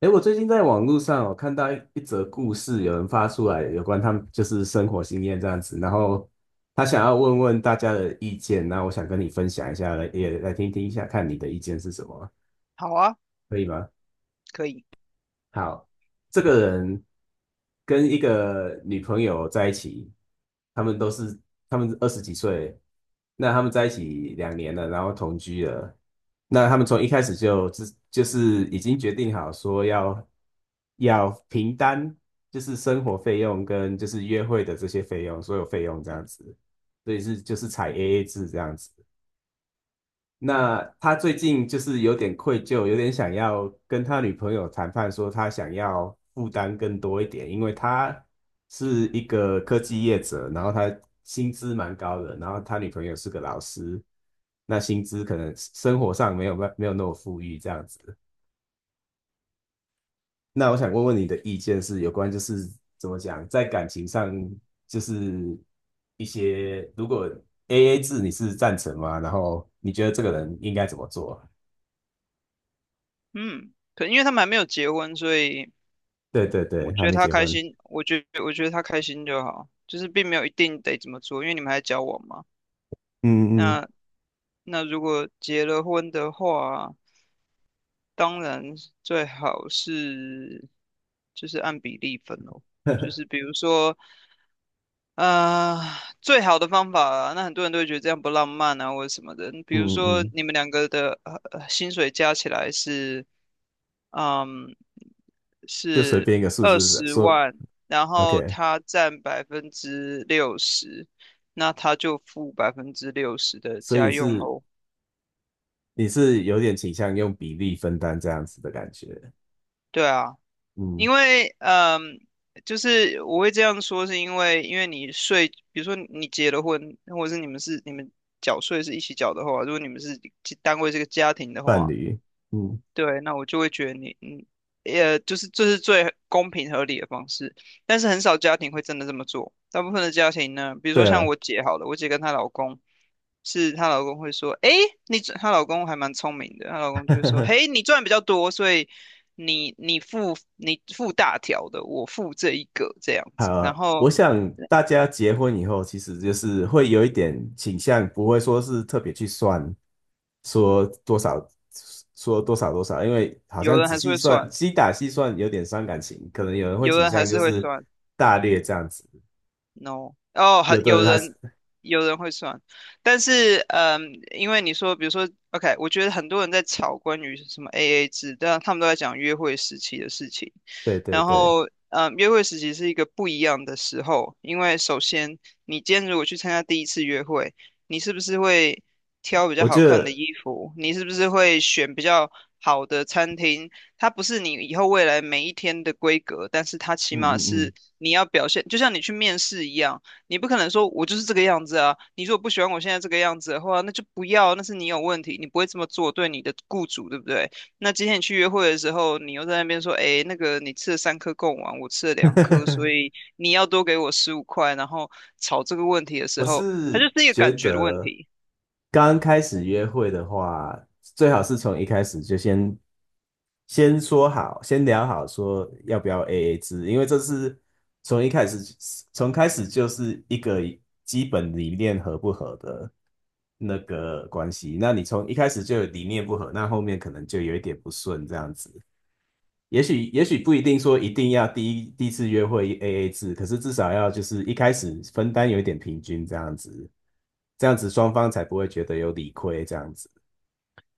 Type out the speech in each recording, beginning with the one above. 诶，我最近在网络上看到一则故事，有人发出来有关他们就是生活经验这样子，然后他想要问问大家的意见，那我想跟你分享一下，来也来听听一下，看你的意见是什么，好啊。可以吗？可以。好，这个人跟一个女朋友在一起，他们都是他们二十几岁，那他们在一起2年了，然后同居了，那他们从一开始就就是已经决定好说要平摊，就是生活费用跟就是约会的这些费用，所有费用这样子，所以是就是采 AA 制这样子。那他最近就是有点愧疚，有点想要跟他女朋友谈判，说他想要负担更多一点，因为他是一个科技业者，然后他薪资蛮高的，然后他女朋友是个老师，那薪资可能生活上没有那么富裕这样子。那我想问问你的意见是有关就是怎么讲，在感情上就是一些如果 AA 制你是赞成吗？然后你觉得这个人应该怎么做？嗯，可因为他们还没有结婚，所以对对我对，觉还得没他结开婚。心，我觉得他开心就好，就是并没有一定得怎么做，因为你们还交往嘛。嗯嗯 那那如果结了婚的话，当然最好是就是按比例分哦，就是 比如说呃，最好的方法啊，那很多人都会觉得这样不浪漫啊，或者什么的。比嗯如说，嗯，你们两个的薪水加起来是，嗯，就随是便一个数二字十说万，然后，OK。他占百分之六十，那他就付百分之六十的所以家你用是喽。你是有点倾向用比例分担这样子的感觉。对啊，嗯，因为就是我会这样说，是因为你税，比如说你结了婚，或者是你们缴税是一起缴的话，如果你们是单位是个家庭的伴话，侣。嗯，对，那我就会觉得你，也就是这是最公平合理的方式，但是很少家庭会真的这么做。大部分的家庭呢，比如说对像啊。我姐好了，我姐跟她老公，是她老公会说，诶，她老公还蛮聪明的，她老公就会说，嘿，你赚比较多，所以你付大条的，我付这一个这样子。然好，后我想大家结婚以后，其实就是会有一点倾向，不会说是特别去算说多少，说多少多少，因为好有像人仔还是细会算，算，精打细算有点伤感情，可能有人会有倾人还向就是会是算，大略这样子。No,哦，有的有人还是，人 会算，但是因为你说，比如说，OK,我觉得很多人在吵关于什么 AA 制，但他们都在讲约会时期的事情。对对然对，后，约会时期是一个不一样的时候，因为首先，你今天如果去参加第一次约会，你是不是会挑比较我好觉看的得，衣服？你是不是会选比较好的餐厅？它不是你以后未来每一天的规格，但是它起嗯码嗯是你要表现，就像你去面试一样，你不可能说我就是这个样子啊，你如果不喜欢我现在这个样子的话，那就不要，那是你有问题，你不会这么做，对你的雇主，对不对？那今天你去约会的时候，你又在那边说，哎，那个你吃了3颗贡丸，我吃了2颗，所嗯，以你要多给我15块，然后吵这个问题的 时我候，它就是是一个觉感觉的问得题。刚开始约会的话，最好是从一开始就先说好，先聊好说要不要 AA 制，因为这是从一开始就是一个基本理念合不合的那个关系。那你从一开始就有理念不合，那后面可能就有一点不顺这样子。也许不一定说一定要第一次约会 AA 制，可是至少要就是一开始分担有一点平均这样子，这样子双方才不会觉得有理亏这样子。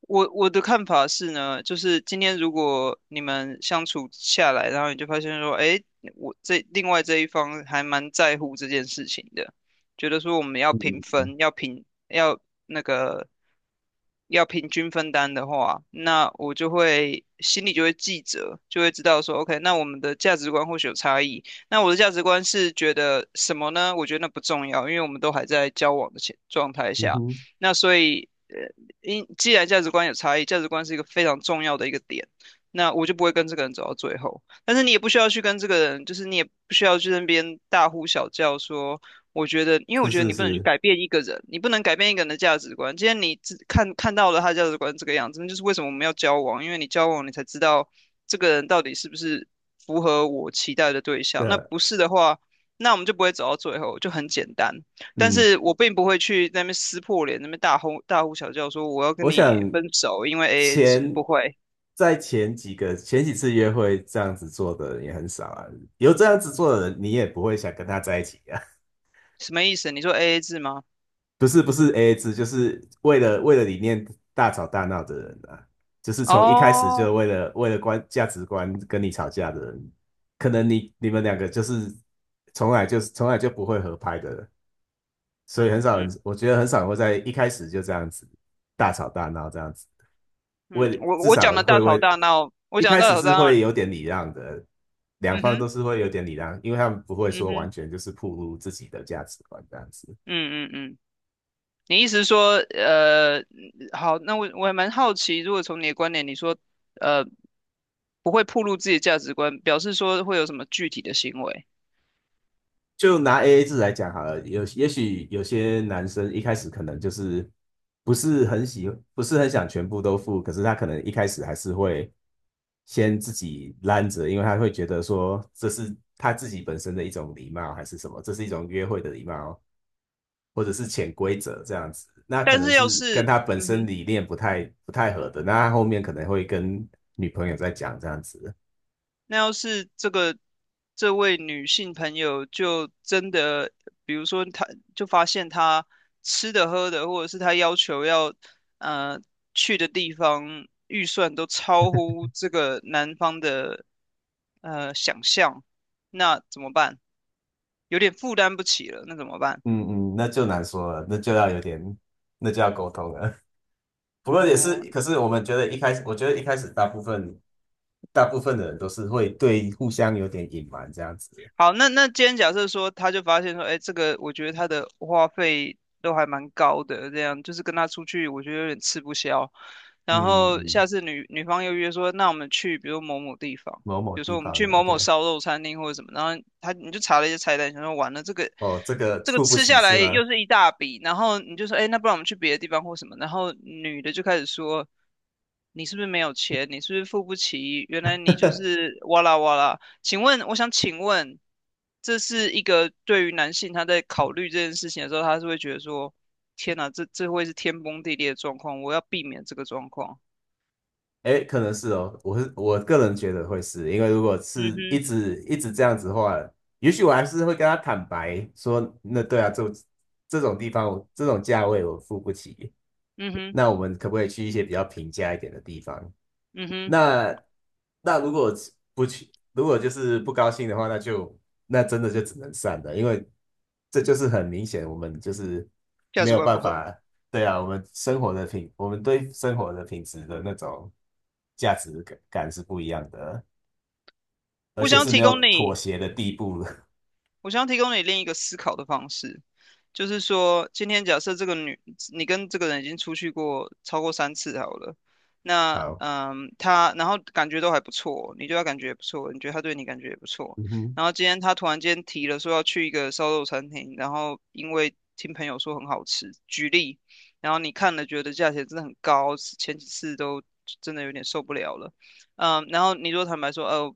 我的看法是呢，就是今天如果你们相处下来，然后你就发现说，哎，我这另外这一方还蛮在乎这件事情的，觉得说我们要平嗯分，要那个要平均分担的话，那我就会就会记着，就会知道说，OK,那我们的价值观或许有差异。那我的价值观是觉得什么呢？我觉得那不重要，因为我们都还在交往的前状态嗯下。哼，那所以，既然价值观有差异，价值观是一个非常重要的一个点，那我就不会跟这个人走到最后。但是你也不需要去跟这个人，就是你也不需要去那边大呼小叫说。我觉得，因为是我觉得是你不能去是，改变一个人，你不能改变一个人的价值观。今天你看到了他的价值观这个样子，那就是为什么我们要交往，因为你交往你才知道这个人到底是不是符合我期待的对象。那的，不是的话，那我们就不会走到最后，就很简单。但嗯，是我并不会去那边撕破脸，那边大呼小叫说我要跟我你想分手，因为 AA 制前不会，在前几个前几次约会这样子做的人也很少啊，有这样子做的人，你也不会想跟他在一起啊。什么意思？你说 AA 制吗？不是不是 AA 制，就是为了理念大吵大闹的人啊，就是从一开始哦，就为了价值观跟你吵架的人，可能你们两个就是从来就不会合拍的人所以很少人，嗯我觉得很少人会在一开始就这样子大吵大闹这样子，嗯，为我至我讲少的会大吵为大闹，我一讲开的大始吵是大闹。会有点礼让的，两嗯方都哼。是会有点礼让，因为他们不会嗯说完哼。全就是暴露自己的价值观这样子。嗯嗯嗯，你意思是说，好，那我还蛮好奇，如果从你的观点，你说，呃，不会暴露自己的价值观，表示说会有什么具体的行为？就拿 AA 制来讲好了，有也许有些男生一开始可能就是不是很喜，不是很想全部都付，可是他可能一开始还是会先自己拦着，因为他会觉得说这是他自己本身的一种礼貌，还是什么，这是一种约会的礼貌，或者是潜规则这样子。那可但能是要是跟是，他本嗯身哼。理念不太合的，那他后面可能会跟女朋友在讲这样子。那要是这位女性朋友就真的，比如说她就发现她吃的喝的，或者是她要求要，呃，去的地方预算都超乎这个男方的，想象，那怎么办？有点负担不起了，那怎么办？嗯嗯，那就难说了，那就要有点，那就要沟通了。不过也是，哦，可是我们觉得一开始，我觉得一开始大部分的人都是会对互相有点隐瞒这样子。好，那今天假设说，他就发现说，哎，这个我觉得他的花费都还蛮高的，这样就是跟他出去，我觉得有点吃不消。然嗯后嗯，下次女方又约说，那我们去，比如某某地方，某某比如说地我们方去的某某，OK，烧肉餐厅或者什么，然后你就查了一些菜单，想说完了哦，这个这个付不吃起下是来吗？又是一大笔，然后你就说，哎，那不然我们去别的地方或什么，然后女的就开始说，你是不是没有钱？你是不是付不起？原来你就 是哇啦哇啦。请问，我想请问，这是一个对于男性他在考虑这件事情的时候，他是会觉得说，天哪，这会是天崩地裂的状况，我要避免这个状况。哎，可能是哦，我是我个人觉得会是，因为如果嗯是一哼。直一直这样子的话，也许我还是会跟他坦白说，那对啊，这种地方我这种价位我付不起，嗯哼。那我们可不可以去一些比较平价一点的地方？嗯哼。那如果不去，如果就是不高兴的话，那就真的就只能散了，因为这就是很明显，我们就是价没值有观不办合。法。对啊，我们对生活的品质的那种价值感是不一样的，而我且想要是没提有供妥你协的地步。我想提供你另一个思考的方式，就是说，今天假设这个女，你跟这个人已经出去过超过三次好了，那好，然后感觉都还不错，你对他感觉也不错，你觉得他对你感觉也不错，嗯哼，然后今天他突然间提了说要去一个烧肉餐厅，然后因为听朋友说很好吃，举例，然后你看了觉得价钱真的很高，前几次都真的有点受不了了。然后你如果坦白说，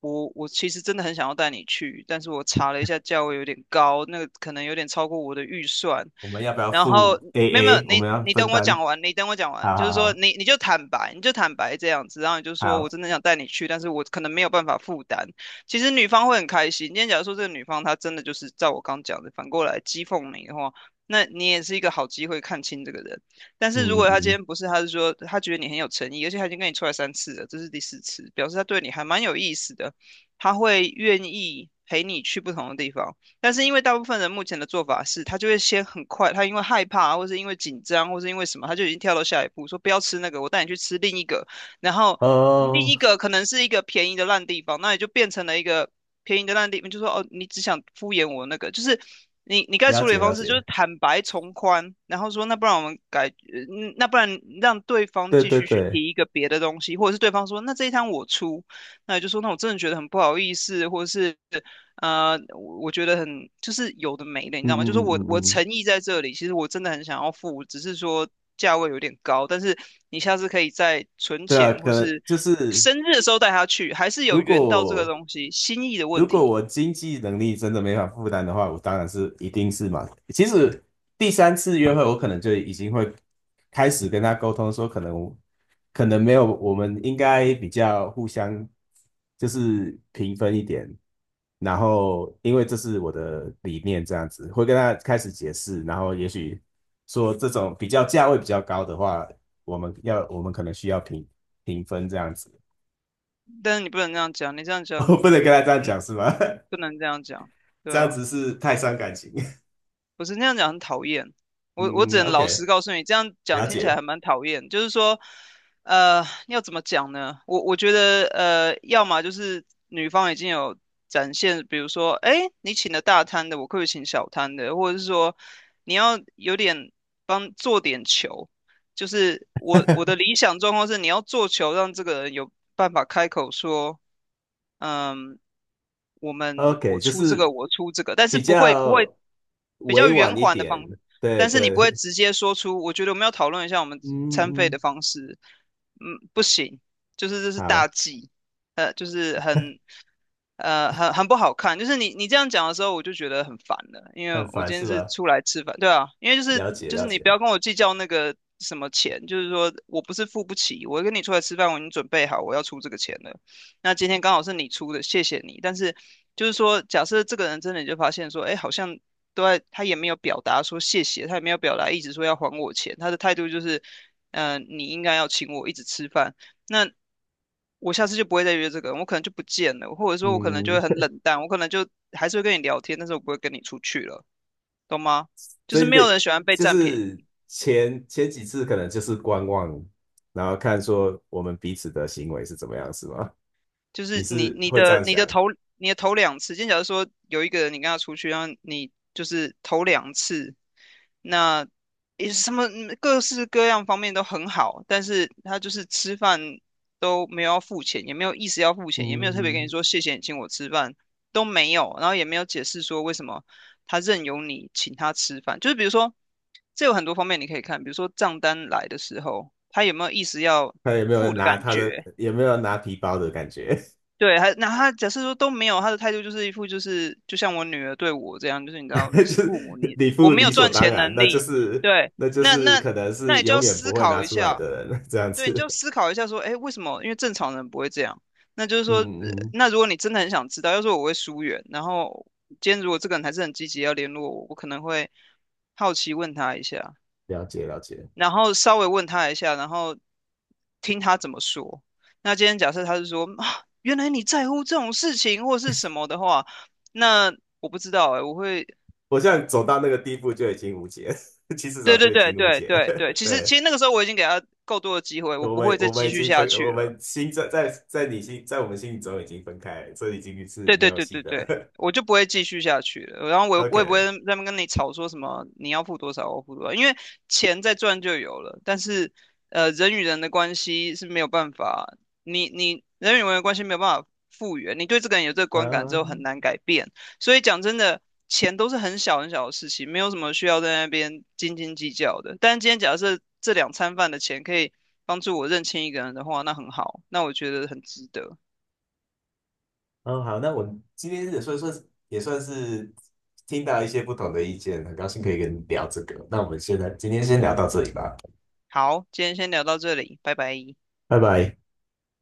我其实真的很想要带你去，但是我查了一下价位有点高，那个可能有点超过我的预算。我们要不要然后付 没有没有，AA？我你们要你分等我讲担？完，你等我讲完，好就是好说好你就坦白，你就坦白这样子，然后你就说我好，真的想带你去，但是我可能没有办法负担。其实女方会很开心。今天假如说这个女方她真的就是照我刚讲的，反过来讥讽你的话，那你也是一个好机会看清这个人。但是如嗯果他今嗯，天不是，他是说他觉得你很有诚意，而且他已经跟你出来三次了，这是第四次，表示他对你还蛮有意思的，他会愿意陪你去不同的地方。但是因为大部分人目前的做法是，他就会先很快，他因为害怕，或是因为紧张，或是因为什么，他就已经跳到下一步，说不要吃那个，我带你去吃另一个，然后另哦，一个可能是一个便宜的烂地方，那也就变成了一个便宜的那地方，就说哦，你只想敷衍我那个，就是你该了处理解的了方式就是解，坦白从宽，然后说那不然我们改，那不然让对方对继对续去对，提一个别的东西，或者是对方说那这一摊我出，那你就说那我真的觉得很不好意思，或者是我觉得很就是有的没的，你知嗯道吗？嗯就是嗯我嗯嗯，诚意在这里，其实我真的很想要付，只是说。价位有点高，但是你下次可以再存对啊，钱，可或能是就是生日的时候带他去，还是有如缘到这个果东西心意的如问果题。我经济能力真的没法负担的话，我当然是一定是嘛。其实第三次约会，我可能就已经会开始跟他沟通说，可能没有，我们应该比较互相就是平分一点。然后因为这是我的理念，这样子会跟他开始解释，然后也许说这种比较价位比较高的话，我们可能需要平分这样子。但是你不能这样讲，你这样 讲，我不能跟你他这样你讲是吗？不 能这样讲，对这样啊。子是太伤感情。不是那样讲很讨厌，我只嗯能老实，OK，告诉你，这样讲了听起来解。还蛮讨厌。就是说，要怎么讲呢？我觉得，要么就是女方已经有展现，比如说，哎，你请了大摊的，我可不可以请小摊的？或者是说，你要有点帮做点球，就是我的理想状况是，你要做球，让这个人有办法开口说，嗯、我们我 OK，就出这是个，我出这个，但是比不会较比较委婉圆一环的点，方式，对但是你不会对，直接说出，我觉得我们要讨论一下我们嗯餐费的嗯，方式，嗯，不行，就是这是大好，忌，就是很很不好看，就是你这样讲的时候，我就觉得很烦了，因为很我烦今天是是吧？出来吃饭，对啊，因为就是了解就是了你解，不要跟我计较那个什么钱，就是说我不是付不起，我跟你出来吃饭，我已经准备好我要出这个钱了。那今天刚好是你出的，谢谢你。但是就是说，假设这个人真的就发现说，哎，好像都在，他也没有表达说谢谢，他也没有表达一直说要还我钱，他的态度就是，嗯、你应该要请我一直吃饭。那我下次就不会再约这个人，我可能就不见了，或者说我可能就会嗯，很冷淡，我可能就还是会跟你聊天，但是我不会跟你出去了，懂吗？就是真没的有人喜欢被就占便宜。是前几次可能就是观望，然后看说我们彼此的行为是怎么样，是吗？就你是是会这样想？你的头两次，今天假如说有一个人你跟他出去，然后你就是头两次，那也什么嗯各式各样方面都很好，但是他就是吃饭都没有要付钱，也没有意思要付钱，也没有特别跟你嗯，说谢谢你请我吃饭都没有，然后也没有解释说为什么他任由你请他吃饭，就是比如说这有很多方面你可以看，比如说账单来的时候，他有没有意思要看有没有付的拿感他的，觉。有没有拿皮包的感觉？对，还那他假设说都没有，他的态度就是一副就是就像我女儿对我这样，就是你知 道你就是父母，是你你我不没理有所赚当钱然，能那就力，是对，那就那是那可能那是你就永要远不思会考拿一出来下，的人 这样对，你就要子。思考一下说，哎，为什么？因为正常人不会这样。那就是嗯说，嗯嗯，那如果你真的很想知道，要是我会疏远，然后今天如果这个人还是很积极要联络我，我可能会好奇问他一下，了解了解。然后稍微问他一下，然后听他怎么说。那今天假设他是说啊，原来你在乎这种事情或是什么的话，那我不知道哎、我会，我现在走到那个地步就已经无解，其实早对就对已对经无对解了。对对，其实其对，实那个时候我已经给他够多的机会，我我不们会再我们继已续经下分，去我了。们心在你心在我们心里中已经分开所以已经是对没对有对戏对对，的。我就不会继续下去了。然后 我也不会 OK，在那边跟你吵说什么你要付多少，我付多少，因为钱再赚就有了。但是人与人的关系是没有办法，你人与人的关系没有办法复原，你对这个人有这个观感之后很嗯，难改变。所以讲真的，钱都是很小很小的事情，没有什么需要在那边斤斤计较的。但今天假设这两餐饭的钱可以帮助我认清一个人的话，那很好，那我觉得很值得。哦好，那我们今天也算是听到一些不同的意见，很高兴可以跟你聊这个。那我们现在今天先聊到这里吧。好，今天先聊到这里，拜拜。拜拜。